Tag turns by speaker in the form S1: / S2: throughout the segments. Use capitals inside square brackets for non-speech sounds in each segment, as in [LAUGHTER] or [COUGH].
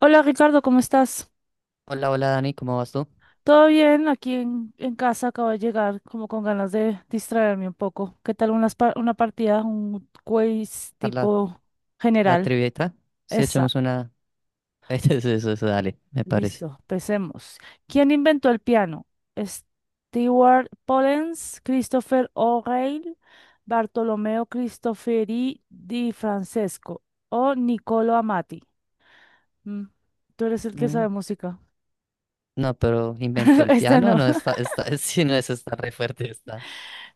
S1: Hola Ricardo, ¿cómo estás?
S2: Hola, hola Dani, ¿cómo vas tú?
S1: ¿Todo bien? Aquí en casa acabo de llegar como con ganas de distraerme un poco. ¿Qué tal una partida, un quiz
S2: ¿A la,
S1: tipo
S2: la
S1: general?
S2: trivieta? Si
S1: Esa,
S2: echamos una... [LAUGHS] Eso, dale, me parece.
S1: listo, empecemos. ¿Quién inventó el piano? Stewart Pollens, Christopher O'Reilly, Bartolomeo Cristofori di Francesco o Niccolo Amati. Mm, Tú eres el que
S2: Mm,
S1: sabe música.
S2: No, pero inventó
S1: [LAUGHS]
S2: el
S1: Esta
S2: piano,
S1: no.
S2: no está,
S1: [LAUGHS]
S2: [LAUGHS] si no es, está re fuerte, está.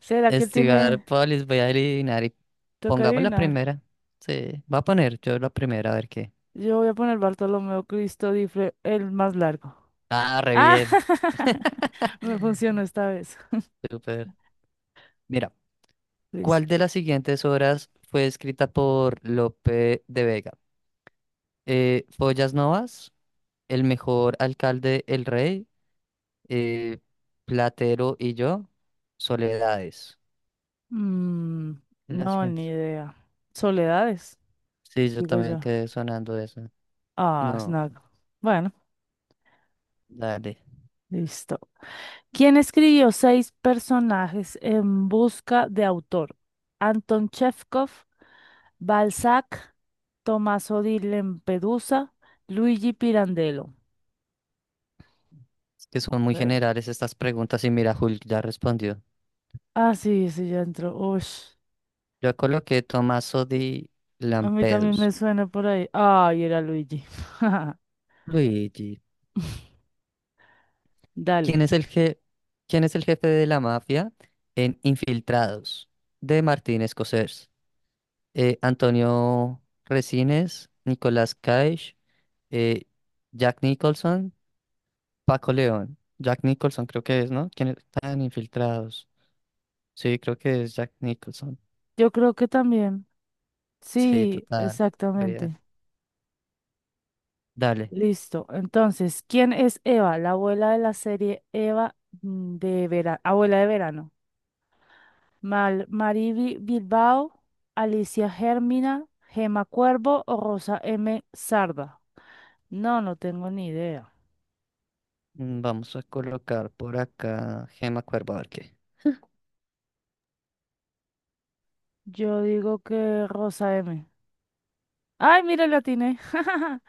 S1: ¿Será que él
S2: Estudiar
S1: tiene?
S2: Polis, voy a adivinar y
S1: Toca
S2: pongamos la
S1: adivinar.
S2: primera. Sí, va a poner yo la primera, a ver qué.
S1: Yo voy a poner Bartolomeo Cristo Difre, el más largo.
S2: Ah, re
S1: ¡Ah!
S2: bien.
S1: [LAUGHS] Me funcionó
S2: [LAUGHS]
S1: esta vez.
S2: Súper. Mira,
S1: Listo.
S2: ¿cuál de las siguientes obras fue escrita por Lope de Vega? ¿Follas Novas? ¿El mejor alcalde, el rey? eh, Platero y yo, Soledades.
S1: Mm,
S2: La
S1: no,
S2: siguiente.
S1: ni idea. Soledades,
S2: Sí, yo
S1: digo
S2: también
S1: yo.
S2: quedé sonando eso.
S1: Ah,
S2: No,
S1: Snag. Bueno,
S2: dale.
S1: listo. ¿Quién escribió Seis personajes en busca de autor? Anton Chekhov, Balzac, Tommaso di Lempedusa, Luigi Pirandello.
S2: Es que son muy
S1: Okay.
S2: generales estas preguntas y mira, Hulk ya respondió.
S1: Ah, sí, sí, ya entró. Ush.
S2: Yo coloqué Tommaso di
S1: A mí también me
S2: Lampedusa.
S1: suena por ahí. Ay, era Luigi. [LAUGHS]
S2: Luigi,
S1: Dale.
S2: ¿quién es el je- ¿quién es el jefe de la mafia en Infiltrados? De Martín Scorsese. Antonio Resines, Nicolás Cage, eh, Jack Nicholson Paco León, Jack Nicholson creo que es, ¿no? ¿Quiénes están infiltrados? Sí, creo que es Jack Nicholson.
S1: Yo creo que también.
S2: Sí,
S1: Sí,
S2: total. Bien.
S1: exactamente.
S2: Dale.
S1: Listo. Entonces, ¿quién es Eva? La abuela de la serie Eva de verano. Abuela de verano. Mal Mariby Bilbao, Alicia Germina, Gema Cuervo o Rosa M. Sarda. No, no tengo ni idea.
S2: Vamos a colocar por acá Gema Cuervo, a ver qué.
S1: Yo digo que Rosa M. Ay, mira, la atiné. [LAUGHS]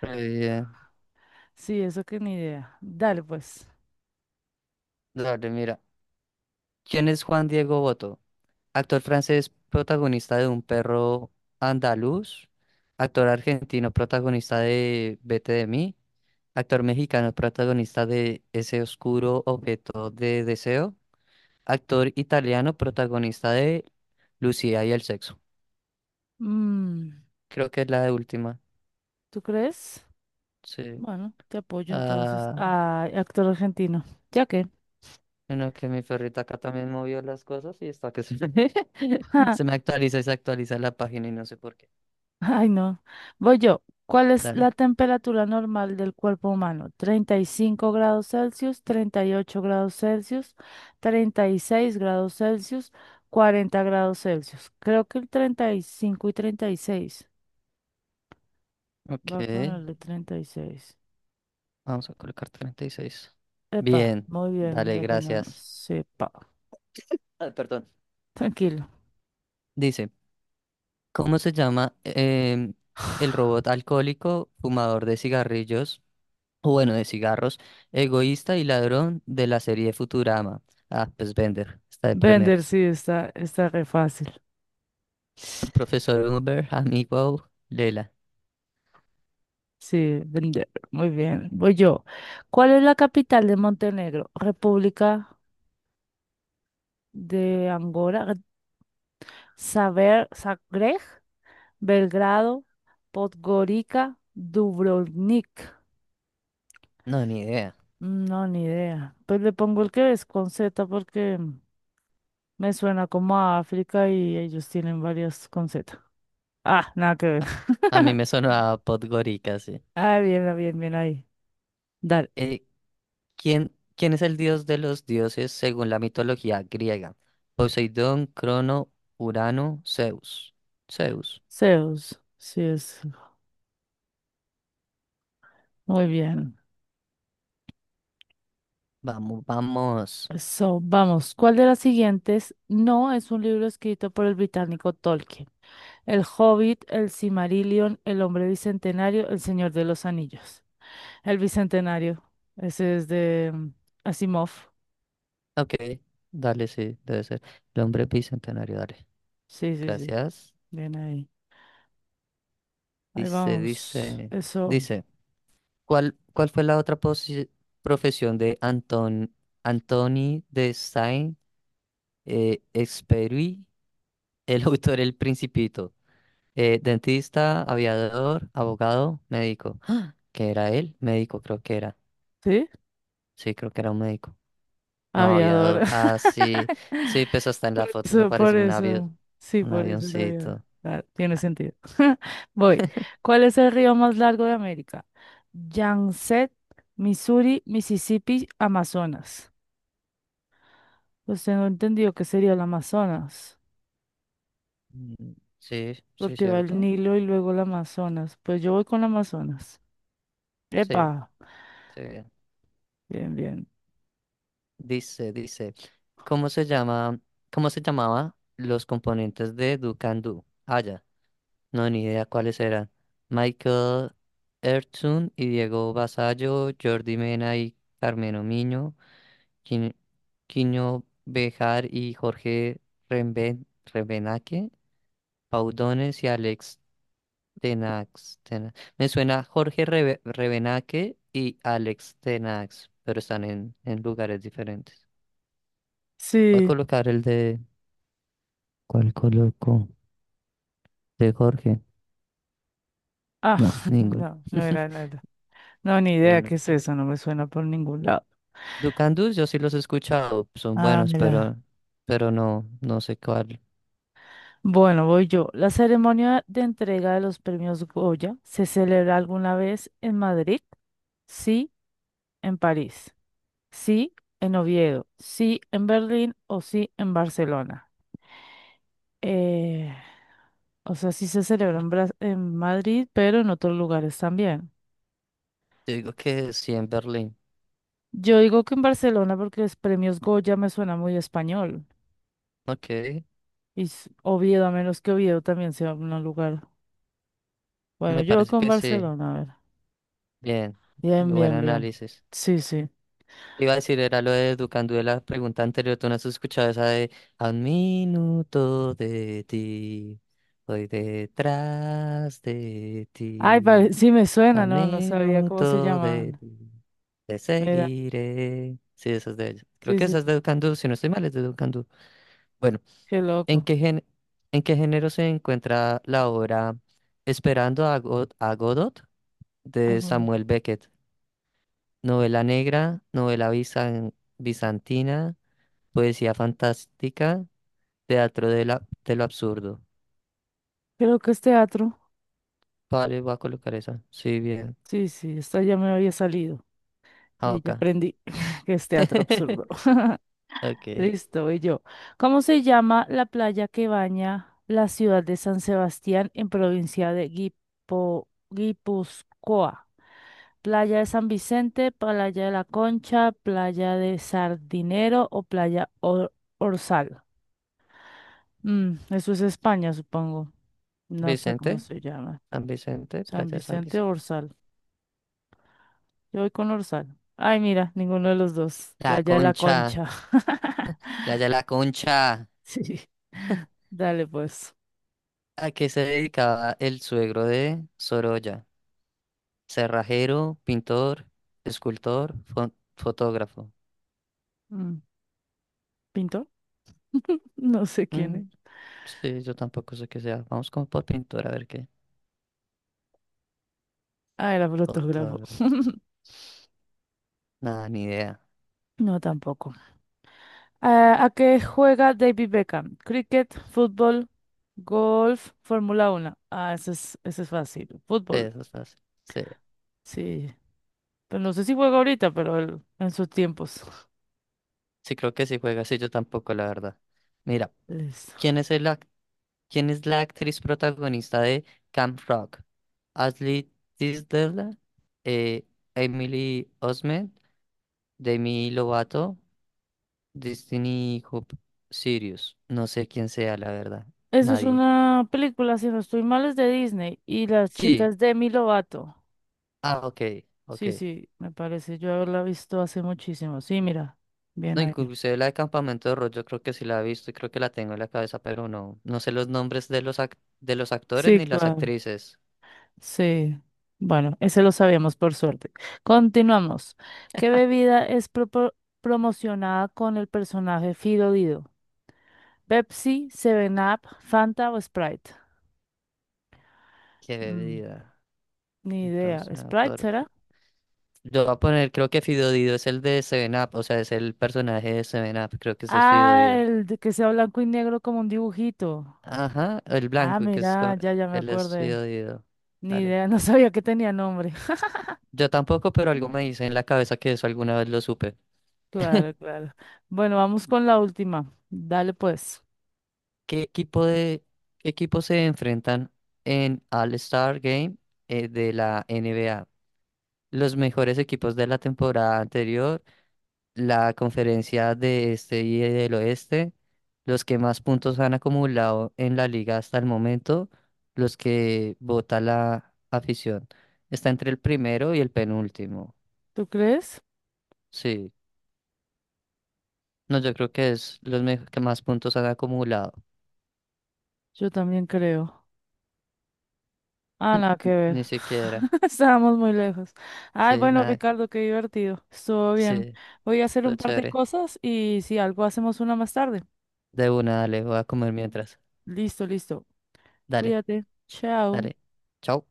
S2: Re bien.
S1: Sí, eso que ni idea. Dale, pues.
S2: Dale, mira. ¿Quién es Juan Diego Boto? Actor francés protagonista de Un perro andaluz. Actor argentino protagonista de Vete de mí. Actor mexicano protagonista de Ese oscuro objeto de deseo. Actor italiano, protagonista de Lucía y el sexo.
S1: Mm.
S2: Creo que es la de última.
S1: ¿Tú crees?
S2: Sí.
S1: Bueno, te apoyo entonces.
S2: Ah,
S1: Ay, actor argentino. ¿Ya qué?
S2: bueno, que mi perrita acá también movió las cosas y está [LAUGHS]
S1: [LAUGHS]
S2: se me actualiza y se actualiza la página y no sé por qué.
S1: Ay, no. Voy yo. ¿Cuál es la
S2: Dale.
S1: temperatura normal del cuerpo humano? 35 °C, 38 °C, 36 °C, 40 °C. Creo que el 35 y 36. Va
S2: Ok.
S1: a ponerle 36.
S2: Vamos a colocar treinta y seis.
S1: Epa,
S2: Bien.
S1: muy bien,
S2: Dale,
S1: le tenemos.
S2: gracias.
S1: Sepa.
S2: Ah, perdón.
S1: Tranquilo.
S2: Dice, ¿Cómo se llama el robot alcohólico fumador de cigarrillos, o bueno, de cigarros, egoísta y ladrón de la serie Futurama? Ah, pues Bender, está de
S1: Vender,
S2: primeras.
S1: sí, está re fácil.
S2: Profesor Uber, amigo Lela.
S1: Sí, vender. Muy bien. Voy yo. ¿Cuál es la capital de Montenegro? República de Angora. Saber, Zagreb, Belgrado, Podgorica, Dubrovnik.
S2: No, ni idea.
S1: No, ni idea. Pues le pongo el que es con Z porque me suena como a África y ellos tienen varias con Z. Ah, nada que ver.
S2: A mí me
S1: [LAUGHS]
S2: sonaba Podgorica, sí.
S1: Ah, bien, bien ahí. Dale.
S2: Eh, quién es el dios de los dioses según la mitología griega? Poseidón, Crono, Urano, Zeus. Zeus.
S1: Zeus. Sí, es. Muy bien.
S2: Vamos, vamos.
S1: So, vamos, ¿cuál de las siguientes no es un libro escrito por el británico Tolkien? El Hobbit, el Silmarillion, el Hombre Bicentenario, el Señor de los Anillos. El Bicentenario, ese es de Asimov.
S2: Ok, dale, sí, debe ser. El hombre bicentenario, dale.
S1: Sí, sí, sí,
S2: Gracias.
S1: bien ahí. Ahí
S2: Dice,
S1: vamos,
S2: dice,
S1: eso,
S2: Dice. ¿Cuál fue profesión de Antoni de Saint-Exupéry, [LAUGHS] el autor El Principito? Dentista, aviador, abogado, médico. ¡Ah! ¿Qué era él? Médico, creo que era.
S1: ¿sí?
S2: Sí, creo que era un médico. No,
S1: Aviador.
S2: aviador.
S1: [LAUGHS]
S2: Ah, sí. Sí, pues hasta en
S1: Por
S2: las fotos
S1: eso, por
S2: aparece un avión,
S1: eso. Sí,
S2: un
S1: por eso la vida.
S2: avioncito.
S1: Ah, tiene sentido. [LAUGHS] Voy. ¿Cuál es el río más largo de América? Yangtze, Missouri, Mississippi, Amazonas. Pues tengo entendido que sería el Amazonas,
S2: Mm, Sí, sí,
S1: porque va el
S2: cierto.
S1: Nilo y luego el Amazonas. Pues yo voy con el Amazonas.
S2: Sí,
S1: Epa,
S2: sí.
S1: bien, bien.
S2: Dice, dice, ¿Cómo se llama, cómo se llamaba los componentes de Do Can Do? Ah, ya, no, ni idea cuáles eran. Michael Ertzun y Diego Basallo, Jordi Mena y Carmen Omiño, Quin- Quiño Bejar y Jorge Remben Rebenaque, Paudones y Alex Tenax. Me suena Jorge Rebenaque y Alex Tenax, pero están en lugares diferentes. Voy a
S1: Sí.
S2: colocar el de... ¿Cuál coloco? ¿De Jorge?
S1: Ah,
S2: No,
S1: [LAUGHS]
S2: ninguno.
S1: no, no era
S2: [LAUGHS]
S1: nada. No, ni idea qué
S2: Uno.
S1: es eso, no me suena por ningún lado.
S2: Ducandus, yo sí los he escuchado, son
S1: Ah,
S2: buenos,
S1: mira.
S2: pero no, no sé cuál.
S1: Bueno, voy yo. ¿La ceremonia de entrega de los premios Goya se celebra alguna vez en Madrid? Sí, en París. Sí, en Oviedo. Sí, en Berlín o sí, en Barcelona. Eh, o sea, sí se celebra en Madrid, pero en otros lugares también.
S2: Yo digo que sí en Berlín.
S1: Yo digo que en Barcelona porque los premios Goya me suena muy español.
S2: Ok,
S1: Y Oviedo, a menos que Oviedo también sea un lugar. Bueno,
S2: me
S1: yo voy
S2: parece
S1: con
S2: que sí.
S1: Barcelona, a ver.
S2: Bien,
S1: Bien,
S2: buen
S1: bien, bien.
S2: análisis.
S1: Sí, sí.
S2: Iba a decir, era lo de Ducandú de la pregunta anterior, tú no has escuchado esa de a un minuto de ti, voy detrás de
S1: Ay,
S2: ti.
S1: sí me
S2: A
S1: suena, no, no sabía cómo se
S2: minuto de
S1: llamaban.
S2: ti te
S1: Mira,
S2: seguiré. Sí, esa es de ella. Creo
S1: sí,
S2: que
S1: sí,
S2: esa es de
S1: sí,
S2: Educandú, si no estoy mal, es de Educandú. Bueno,
S1: qué
S2: ¿en
S1: loco.
S2: qué gen- ¿en qué género se encuentra la obra Esperando a Godot
S1: Ah,
S2: de
S1: bueno,
S2: Samuel Beckett? Novela negra, bizantina, poesía fantástica, teatro de lo absurdo.
S1: creo que es teatro.
S2: Vale, voy a colocar esa. Sí, bien.
S1: Sí, sí, esta ya me había salido
S2: Ah,
S1: y ya
S2: ok.
S1: aprendí [LAUGHS] que es teatro
S2: [LAUGHS]
S1: absurdo. [LAUGHS]
S2: Ok.
S1: Listo, y yo. ¿Cómo se llama la playa que baña la ciudad de San Sebastián en provincia de Guipúzcoa? ¿Playa de San Vicente, playa de la Concha, playa de Sardinero o playa Orzal? Eso es España, supongo. No sé cómo
S2: Vicente,
S1: se llama.
S2: San Vicente,
S1: San
S2: Playa de San
S1: Vicente o
S2: Vicente.
S1: Orsal. Yo voy con Orsal. Ay, mira, ninguno de los dos.
S2: La
S1: Playa de la
S2: Concha,
S1: Concha. [LAUGHS]
S2: Playa de la Concha.
S1: Sí. Dale, pues.
S2: ¿A qué se dedicaba el suegro de Sorolla? Cerrajero, pintor, escultor, fotógrafo.
S1: Mm, ¿Pintor? No sé quién es.
S2: Mm, sí, yo tampoco sé qué sea. Vamos con por pintor a ver qué.
S1: Ah, era fotógrafo.
S2: Fotógrafo.
S1: [LAUGHS]
S2: Nada, ni idea.
S1: No, tampoco. Ah, ¿a qué juega David Beckham? Cricket, fútbol, golf, Fórmula 1. Ah, ese es fácil.
S2: Sí,
S1: Fútbol.
S2: eso es fácil. Sí,
S1: Sí. Pero no sé si juega ahorita, pero en sus tiempos.
S2: sí, creo que sí juega. Sí, yo tampoco, la verdad. Mira,
S1: [LAUGHS] Listo.
S2: ¿quién es el ac- ¿Quién es la actriz protagonista de Camp Rock? ¿Ashley Tisdale, eh, Emily Osment, Demi Lovato, Destiny Hope Sirius? No sé quién sea, la verdad.
S1: Eso es
S2: Nadie.
S1: una película, si no estoy mal, es de Disney y las
S2: Sí.
S1: chicas de Demi Lovato.
S2: Ah, ok, ok.
S1: Sí, sí, me parece yo haberla visto hace muchísimo. Sí, mira, bien
S2: No,
S1: ahí.
S2: inclusive la de Campamento de Rock, yo creo que sí la he visto y creo que la tengo en la cabeza, pero no, no sé los nombres de de los actores
S1: Sí,
S2: ni las
S1: claro,
S2: actrices.
S1: sí. Bueno, ese lo sabíamos por suerte. Continuamos. ¿Qué bebida es promocionada con el personaje Fido Dido? ¿Pepsi, Seven Up, Fanta o Sprite?
S2: Qué
S1: Mm,
S2: bebida.
S1: Ni idea.
S2: Bros,
S1: ¿Sprite será?
S2: Yo voy a poner, creo que Fidodido es el de Seven Up, o sea, es el personaje de Seven Up, creo que ese es
S1: Ah,
S2: Fidodido.
S1: el de que sea blanco y negro como un dibujito.
S2: Ajá, el
S1: Ah,
S2: blanco, que es
S1: mira,
S2: co-
S1: ya, ya me
S2: él es
S1: acordé.
S2: Fidodido.
S1: Ni
S2: Dale.
S1: idea, [LAUGHS] no sabía que tenía nombre. [LAUGHS]
S2: Yo tampoco, pero algo me dice en la cabeza que eso alguna vez lo supe.
S1: Claro,
S2: [LAUGHS]
S1: claro. Bueno, vamos con la última. Dale pues.
S2: ¿Qué equipo de ¿qué equipo se enfrentan en All-Star Game de la NBA? Los mejores equipos de la temporada anterior, la conferencia de este y del oeste, los que más puntos han acumulado en la liga hasta el momento, los que vota la afición. Está entre el primero y el penúltimo.
S1: ¿Tú crees?
S2: Sí, no, yo creo que es que más puntos han acumulado.
S1: Yo también creo. Ah, nada que
S2: [LAUGHS]
S1: ver.
S2: Ni siquiera.
S1: [LAUGHS] Estábamos muy lejos. Ay,
S2: Sí,
S1: bueno,
S2: nada.
S1: Ricardo, qué divertido. Estuvo bien.
S2: Sí,
S1: Voy a hacer un
S2: todo
S1: par de
S2: chévere.
S1: cosas y si algo hacemos una más tarde.
S2: De una, dale, voy a comer mientras.
S1: Listo, listo.
S2: Dale,
S1: Cuídate. Chao.
S2: dale. Chao.